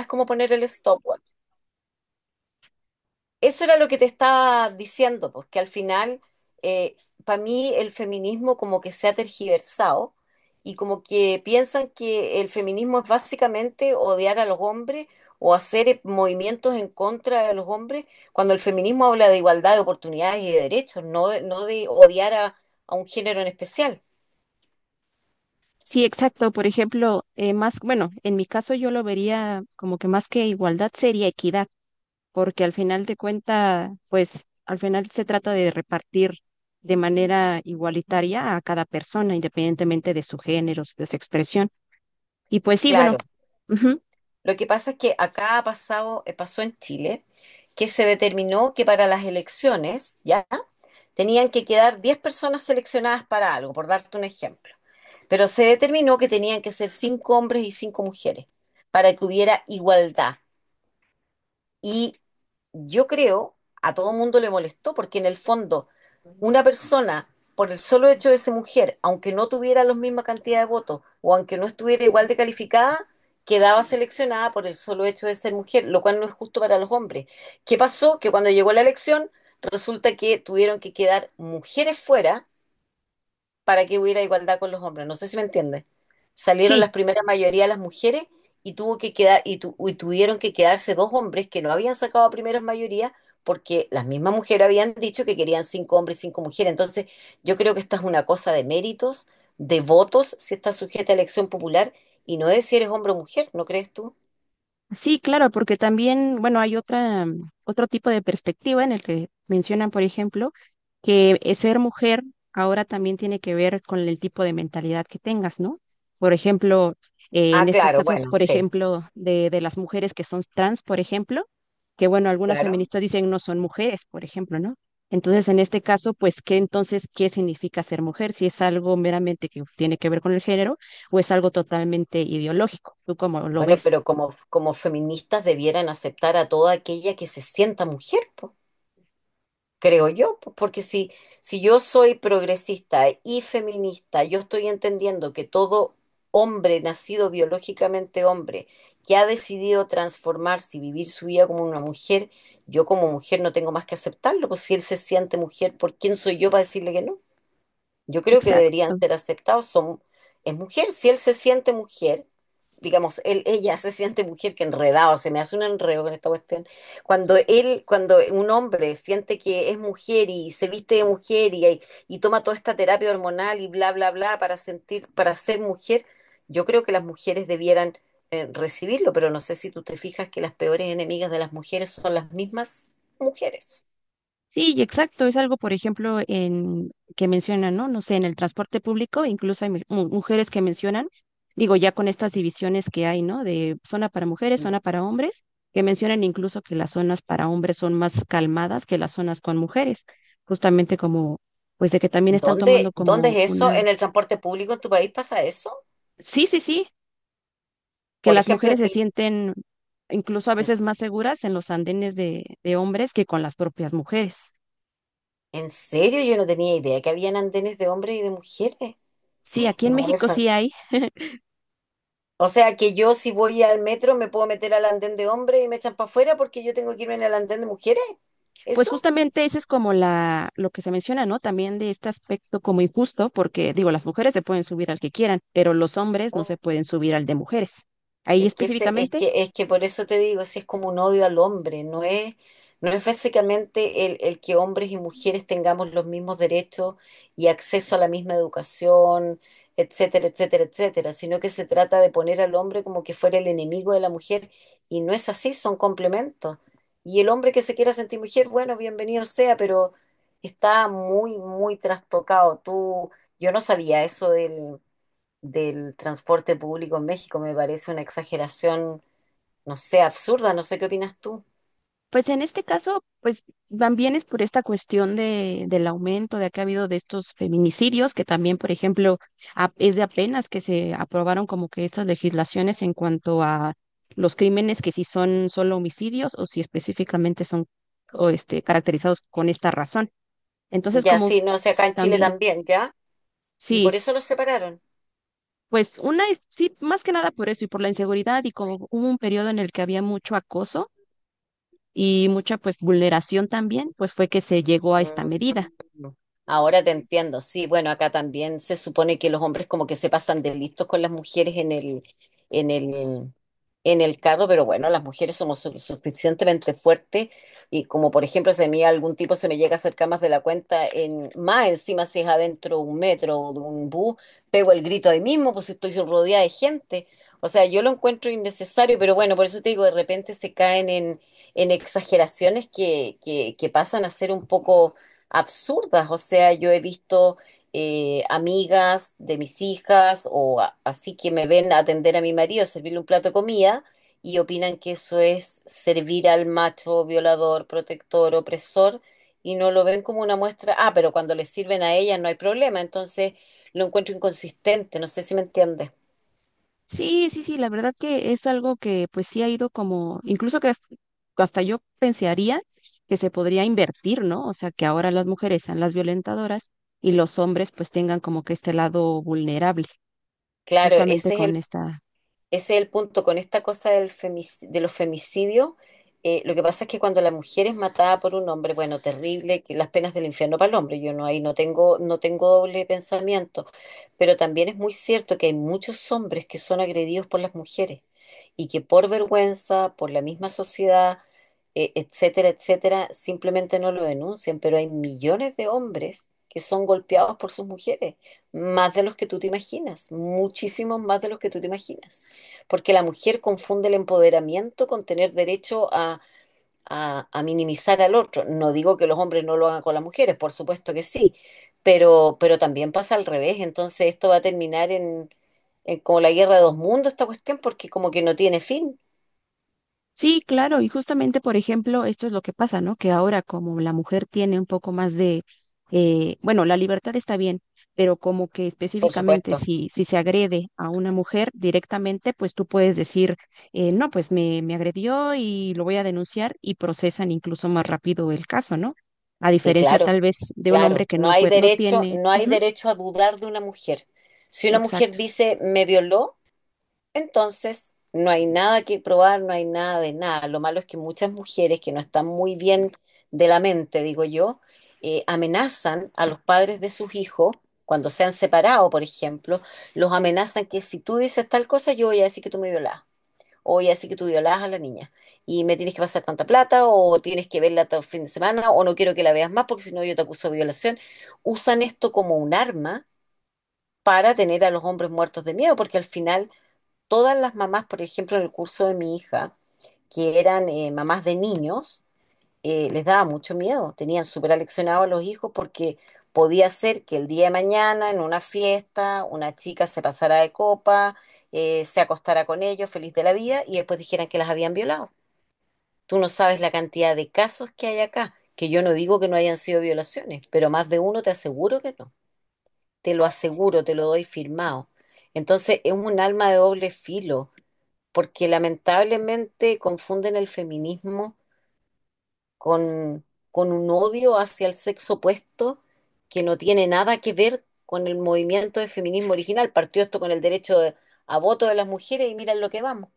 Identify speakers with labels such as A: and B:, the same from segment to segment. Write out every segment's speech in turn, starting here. A: Es como poner el stopwatch. Eso era lo que te estaba diciendo, pues que al final, para mí el feminismo como que se ha tergiversado y como que piensan que el feminismo es básicamente odiar a los hombres o hacer movimientos en contra de los hombres, cuando el feminismo habla de igualdad de oportunidades y de derechos, no de odiar a un género en especial.
B: Sí, exacto. Por ejemplo, más, bueno, en mi caso yo lo vería como que más que igualdad sería equidad, porque al final de cuenta, pues al final se trata de repartir de manera igualitaria a cada persona, independientemente de su género, de su expresión. Y pues sí, bueno,
A: Claro,
B: ujú,
A: lo que pasa es que acá ha pasado, pasó en Chile, que se determinó que para las elecciones, ¿ya? Tenían que quedar 10 personas seleccionadas para algo, por darte un ejemplo. Pero se determinó que tenían que ser 5 hombres y 5 mujeres para que hubiera igualdad. Y yo creo, a todo mundo le molestó, porque en el fondo, una persona, por el solo hecho de ser mujer, aunque no tuviera la misma cantidad de votos o aunque no estuviera igual de calificada, quedaba seleccionada por el solo hecho de ser mujer, lo cual no es justo para los hombres. ¿Qué pasó? Que cuando llegó la elección, resulta que tuvieron que quedar mujeres fuera para que hubiera igualdad con los hombres. No sé si me entiendes. Salieron
B: sí,
A: las primeras mayoría de las mujeres y tuvo que quedar y, tu- y tuvieron que quedarse dos hombres que no habían sacado a primeras mayorías porque las mismas mujeres habían dicho que querían cinco hombres y cinco mujeres. Entonces, yo creo que esta es una cosa de méritos, de votos, si está sujeta a elección popular y no es si eres hombre o mujer, ¿no crees tú?
B: sí, claro, porque también, bueno, hay otra, otro tipo de perspectiva en el que mencionan, por ejemplo, que ser mujer ahora también tiene que ver con el tipo de mentalidad que tengas, ¿no? Por ejemplo, en
A: Ah,
B: estos
A: claro,
B: casos,
A: bueno,
B: por
A: sí,
B: ejemplo, de las mujeres que son trans, por ejemplo, que bueno, algunas
A: claro.
B: feministas dicen no son mujeres, por ejemplo, ¿no? Entonces, en este caso, pues, ¿qué entonces, qué significa ser mujer? Si es algo meramente que tiene que ver con el género o es algo totalmente ideológico, ¿tú cómo lo
A: Bueno,
B: ves?
A: pero como feministas debieran aceptar a toda aquella que se sienta mujer, po. Creo yo, porque si yo soy progresista y feminista, yo estoy entendiendo que todo hombre nacido biológicamente hombre que ha decidido transformarse y vivir su vida como una mujer, yo como mujer no tengo más que aceptarlo, pues si él se siente mujer, ¿por quién soy yo para decirle que no? Yo creo que deberían
B: Exacto.
A: ser aceptados. Son, es mujer, si él se siente mujer, digamos, él, ella se siente mujer, que enredado, se me hace un enredo con esta cuestión. Cuando un hombre siente que es mujer y se viste de mujer y toma toda esta terapia hormonal y bla, bla, bla para sentir, para ser mujer, yo creo que las mujeres debieran recibirlo, pero no sé si tú te fijas que las peores enemigas de las mujeres son las mismas mujeres.
B: Sí, y exacto. Es algo, por ejemplo, en que mencionan, ¿no? No sé, en el transporte público, incluso hay mujeres que mencionan, digo, ya con estas divisiones que hay, ¿no? De zona para mujeres, zona para hombres, que mencionan incluso que las zonas para hombres son más calmadas que las zonas con mujeres, justamente como, pues de que también están
A: ¿Dónde,
B: tomando
A: dónde
B: como
A: es eso?
B: una...
A: ¿En el transporte público en tu país pasa eso?
B: Sí, sí, sí, que
A: Por
B: las
A: ejemplo, en
B: mujeres se
A: el-
B: sienten incluso a
A: en-
B: veces más seguras en los andenes de hombres que con las propias mujeres.
A: ¿En serio? Yo no tenía idea que habían andenes de hombres y de mujeres.
B: Sí, aquí en
A: No,
B: México
A: eso.
B: sí hay.
A: O sea que yo si voy al metro me puedo meter al andén de hombres y me echan para afuera porque yo tengo que irme en el andén de mujeres.
B: Pues
A: ¿Eso?
B: justamente ese es como la, lo que se menciona, ¿no? También de este aspecto como injusto, porque digo, las mujeres se pueden subir al que quieran, pero los hombres no se pueden subir al de mujeres. Ahí
A: Es que ese-
B: específicamente,
A: es que por eso te digo, si es como un odio al hombre, no es básicamente el que hombres y mujeres tengamos los mismos derechos y acceso a la misma educación, etcétera, etcétera, etcétera, sino que se trata de poner al hombre como que fuera el enemigo de la mujer, y no es así, son complementos. Y el hombre que se quiera sentir mujer, bueno, bienvenido sea, pero está muy, muy trastocado. Yo no sabía eso del transporte público en México, me parece una exageración, no sé, absurda, no sé qué opinas tú.
B: pues en este caso, pues van bien es por esta cuestión del aumento de que ha habido de estos feminicidios, que también, por ejemplo, es de apenas que se aprobaron como que estas legislaciones en cuanto a los crímenes que si son solo homicidios o si específicamente son o este, caracterizados con esta razón. Entonces,
A: Ya,
B: como
A: sí, no sé, acá en Chile
B: también,
A: también, ¿ya? Y por
B: sí,
A: eso los separaron.
B: pues una, sí, más que nada por eso y por la inseguridad y como hubo un periodo en el que había mucho acoso y mucha pues vulneración también, pues fue que se llegó a esta medida.
A: Mm. Ahora te entiendo, sí, bueno, acá también se supone que los hombres como que se pasan de listos con las mujeres en el, en el carro, pero bueno, las mujeres somos suficientemente fuertes y como por ejemplo si a mí algún tipo se me llega a acercar más de la cuenta, más encima si es adentro de un metro o de un bus, pego el grito ahí mismo, pues si estoy rodeada de gente, o sea, yo lo encuentro innecesario, pero bueno, por eso te digo, de repente se caen en exageraciones que pasan a ser un poco absurdas. O sea, yo he visto amigas de mis hijas o así que me ven atender a mi marido, servirle un plato de comida y opinan que eso es servir al macho violador, protector, opresor y no lo ven como una muestra. Ah, pero cuando les sirven a ellas no hay problema, entonces lo encuentro inconsistente, no sé si me entiendes.
B: Sí, sí, sí, la verdad que es algo que pues sí ha ido como, incluso que hasta yo pensaría que se podría invertir, ¿no? O sea, que ahora las mujeres sean las violentadoras y los hombres pues tengan como que este lado vulnerable,
A: Claro,
B: justamente
A: ese es
B: con
A: el
B: esta
A: Ese es el punto con esta cosa de los femicidios. Lo que pasa es que cuando la mujer es matada por un hombre, bueno, terrible, que las penas del infierno para el hombre, yo no ahí no tengo doble pensamiento, pero también es muy cierto que hay muchos hombres que son agredidos por las mujeres y que por vergüenza, por la misma sociedad, etcétera, etcétera, simplemente no lo denuncian, pero hay millones de hombres que son golpeados por sus mujeres, más de los que tú te imaginas, muchísimos más de los que tú te imaginas porque la mujer confunde el empoderamiento con tener derecho a minimizar al otro. No digo que los hombres no lo hagan con las mujeres, por supuesto que sí, pero también pasa al revés, entonces esto va a terminar en como la guerra de dos mundos, esta cuestión, porque como que no tiene fin,
B: sí, claro, y justamente, por ejemplo, esto es lo que pasa, ¿no? Que ahora como la mujer tiene un poco más de, bueno, la libertad está bien, pero como que
A: por
B: específicamente
A: supuesto.
B: si se agrede a una mujer directamente, pues tú puedes decir, no, pues me agredió y lo voy a denunciar y procesan incluso más rápido el caso, ¿no? A
A: Sí,
B: diferencia
A: claro,
B: tal vez de un hombre
A: claro.
B: que
A: No
B: no
A: hay
B: puede, no
A: derecho,
B: tiene,
A: no hay
B: ujú,
A: derecho a dudar de una mujer. Si una mujer
B: exacto.
A: dice me violó, entonces, no hay nada que probar, no hay nada de nada. Lo malo es que muchas mujeres que no están muy bien de la mente, digo yo, amenazan a los padres de sus hijos, cuando se han separado, por ejemplo, los amenazan que si tú dices tal cosa, yo voy a decir que tú me violás. O voy a decir que tú violás a la niña. Y me tienes que pasar tanta plata, o tienes que verla todo el fin de semana, o no quiero que la veas más porque si no yo te acuso de violación. Usan esto como un arma para tener a los hombres muertos de miedo, porque al final todas las mamás, por ejemplo, en el curso de mi hija, que eran mamás de niños, les daba mucho miedo. Tenían súper aleccionados a los hijos porque podía ser que el día de mañana, en una fiesta, una chica se pasara de copa, se acostara con ellos, feliz de la vida, y después dijeran que las habían violado. Tú no sabes la cantidad de casos que hay acá, que yo no digo que no hayan sido violaciones, pero más de uno te aseguro que no. Te lo aseguro, te lo doy firmado. Entonces es un alma de doble filo porque lamentablemente confunden el feminismo con, con un odio hacia el sexo opuesto que no tiene nada que ver con el movimiento de feminismo original. Partió esto con el derecho a voto de las mujeres y miren lo que vamos.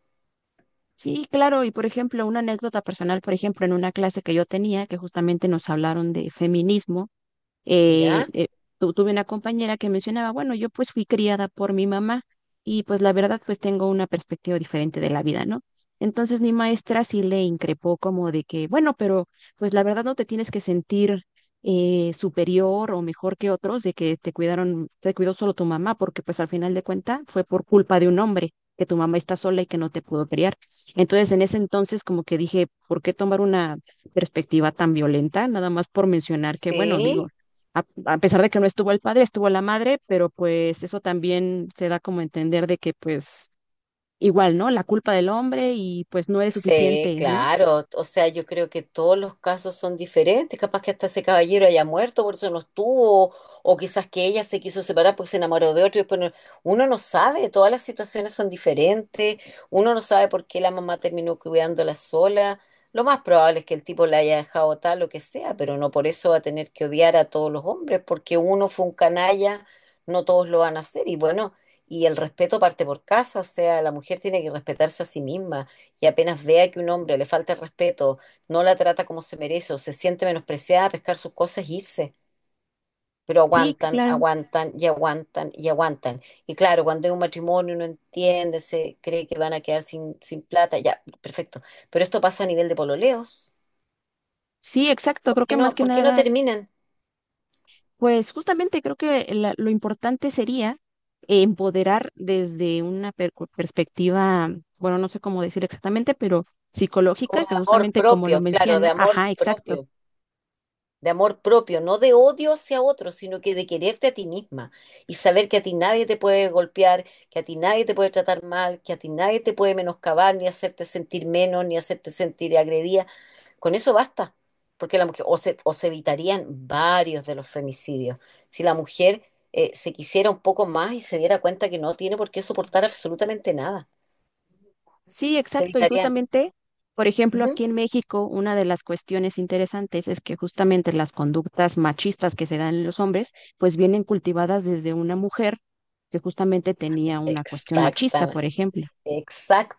B: Sí, claro, y por ejemplo, una anécdota personal, por ejemplo, en una clase que yo tenía, que justamente nos hablaron de feminismo eh,
A: ¿Ya?
B: eh, tuve una compañera que mencionaba, bueno, yo pues fui criada por mi mamá y pues la verdad pues tengo una perspectiva diferente de la vida, ¿no? Entonces mi maestra sí le increpó como de que, bueno, pero pues la verdad no te tienes que sentir superior o mejor que otros de que te cuidaron, te cuidó solo tu mamá, porque pues al final de cuentas fue por culpa de un hombre, que tu mamá está sola y que no te pudo criar. Entonces, en ese entonces, como que dije, ¿por qué tomar una perspectiva tan violenta? Nada más por mencionar que, bueno, digo,
A: Sí.
B: a pesar de que no estuvo el padre, estuvo la madre, pero pues eso también se da como a entender de que pues igual, ¿no? La culpa del hombre y pues no eres
A: Sí,
B: suficiente, ¿no?
A: claro. O sea, yo creo que todos los casos son diferentes. Capaz que hasta ese caballero haya muerto, por eso no estuvo, o quizás que ella se quiso separar porque se enamoró de otro. Y después no- Uno no sabe, todas las situaciones son diferentes. Uno no sabe por qué la mamá terminó cuidándola sola. Lo más probable es que el tipo la haya dejado tal, lo que sea, pero no por eso va a tener que odiar a todos los hombres, porque uno fue un canalla, no todos lo van a hacer. Y bueno, y el respeto parte por casa, o sea, la mujer tiene que respetarse a sí misma y apenas vea que un hombre le falta el respeto, no la trata como se merece o se siente menospreciada, pescar sus cosas e irse. Pero
B: Sí,
A: aguantan,
B: claro.
A: aguantan y aguantan y aguantan. Y claro, cuando hay un matrimonio no entiende, se cree que van a quedar sin plata, ya, perfecto. Pero esto pasa a nivel de pololeos.
B: Sí, exacto. Creo que más que
A: Por qué no
B: nada,
A: terminan?
B: pues justamente creo que lo importante sería empoderar desde una perspectiva, bueno, no sé cómo decir exactamente, pero
A: Como
B: psicológica, que
A: de amor
B: justamente como lo
A: propio, claro, de
B: menciona,
A: amor
B: ajá, exacto.
A: propio. De amor propio, no de odio hacia otro, sino que de quererte a ti misma y saber que a ti nadie te puede golpear, que a ti nadie te puede tratar mal, que a ti nadie te puede menoscabar, ni hacerte sentir menos, ni hacerte sentir agredida. Con eso basta, porque la mujer, o se evitarían varios de los femicidios. Si la mujer se quisiera un poco más y se diera cuenta que no tiene por qué soportar absolutamente nada,
B: Sí,
A: se
B: exacto. Y
A: evitarían.
B: justamente, por ejemplo,
A: Ujú.
B: aquí en México, una de las cuestiones interesantes es que justamente las conductas machistas que se dan en los hombres, pues vienen cultivadas desde una mujer que justamente tenía una cuestión machista,
A: Exactamente,
B: por ejemplo.
A: exactamente.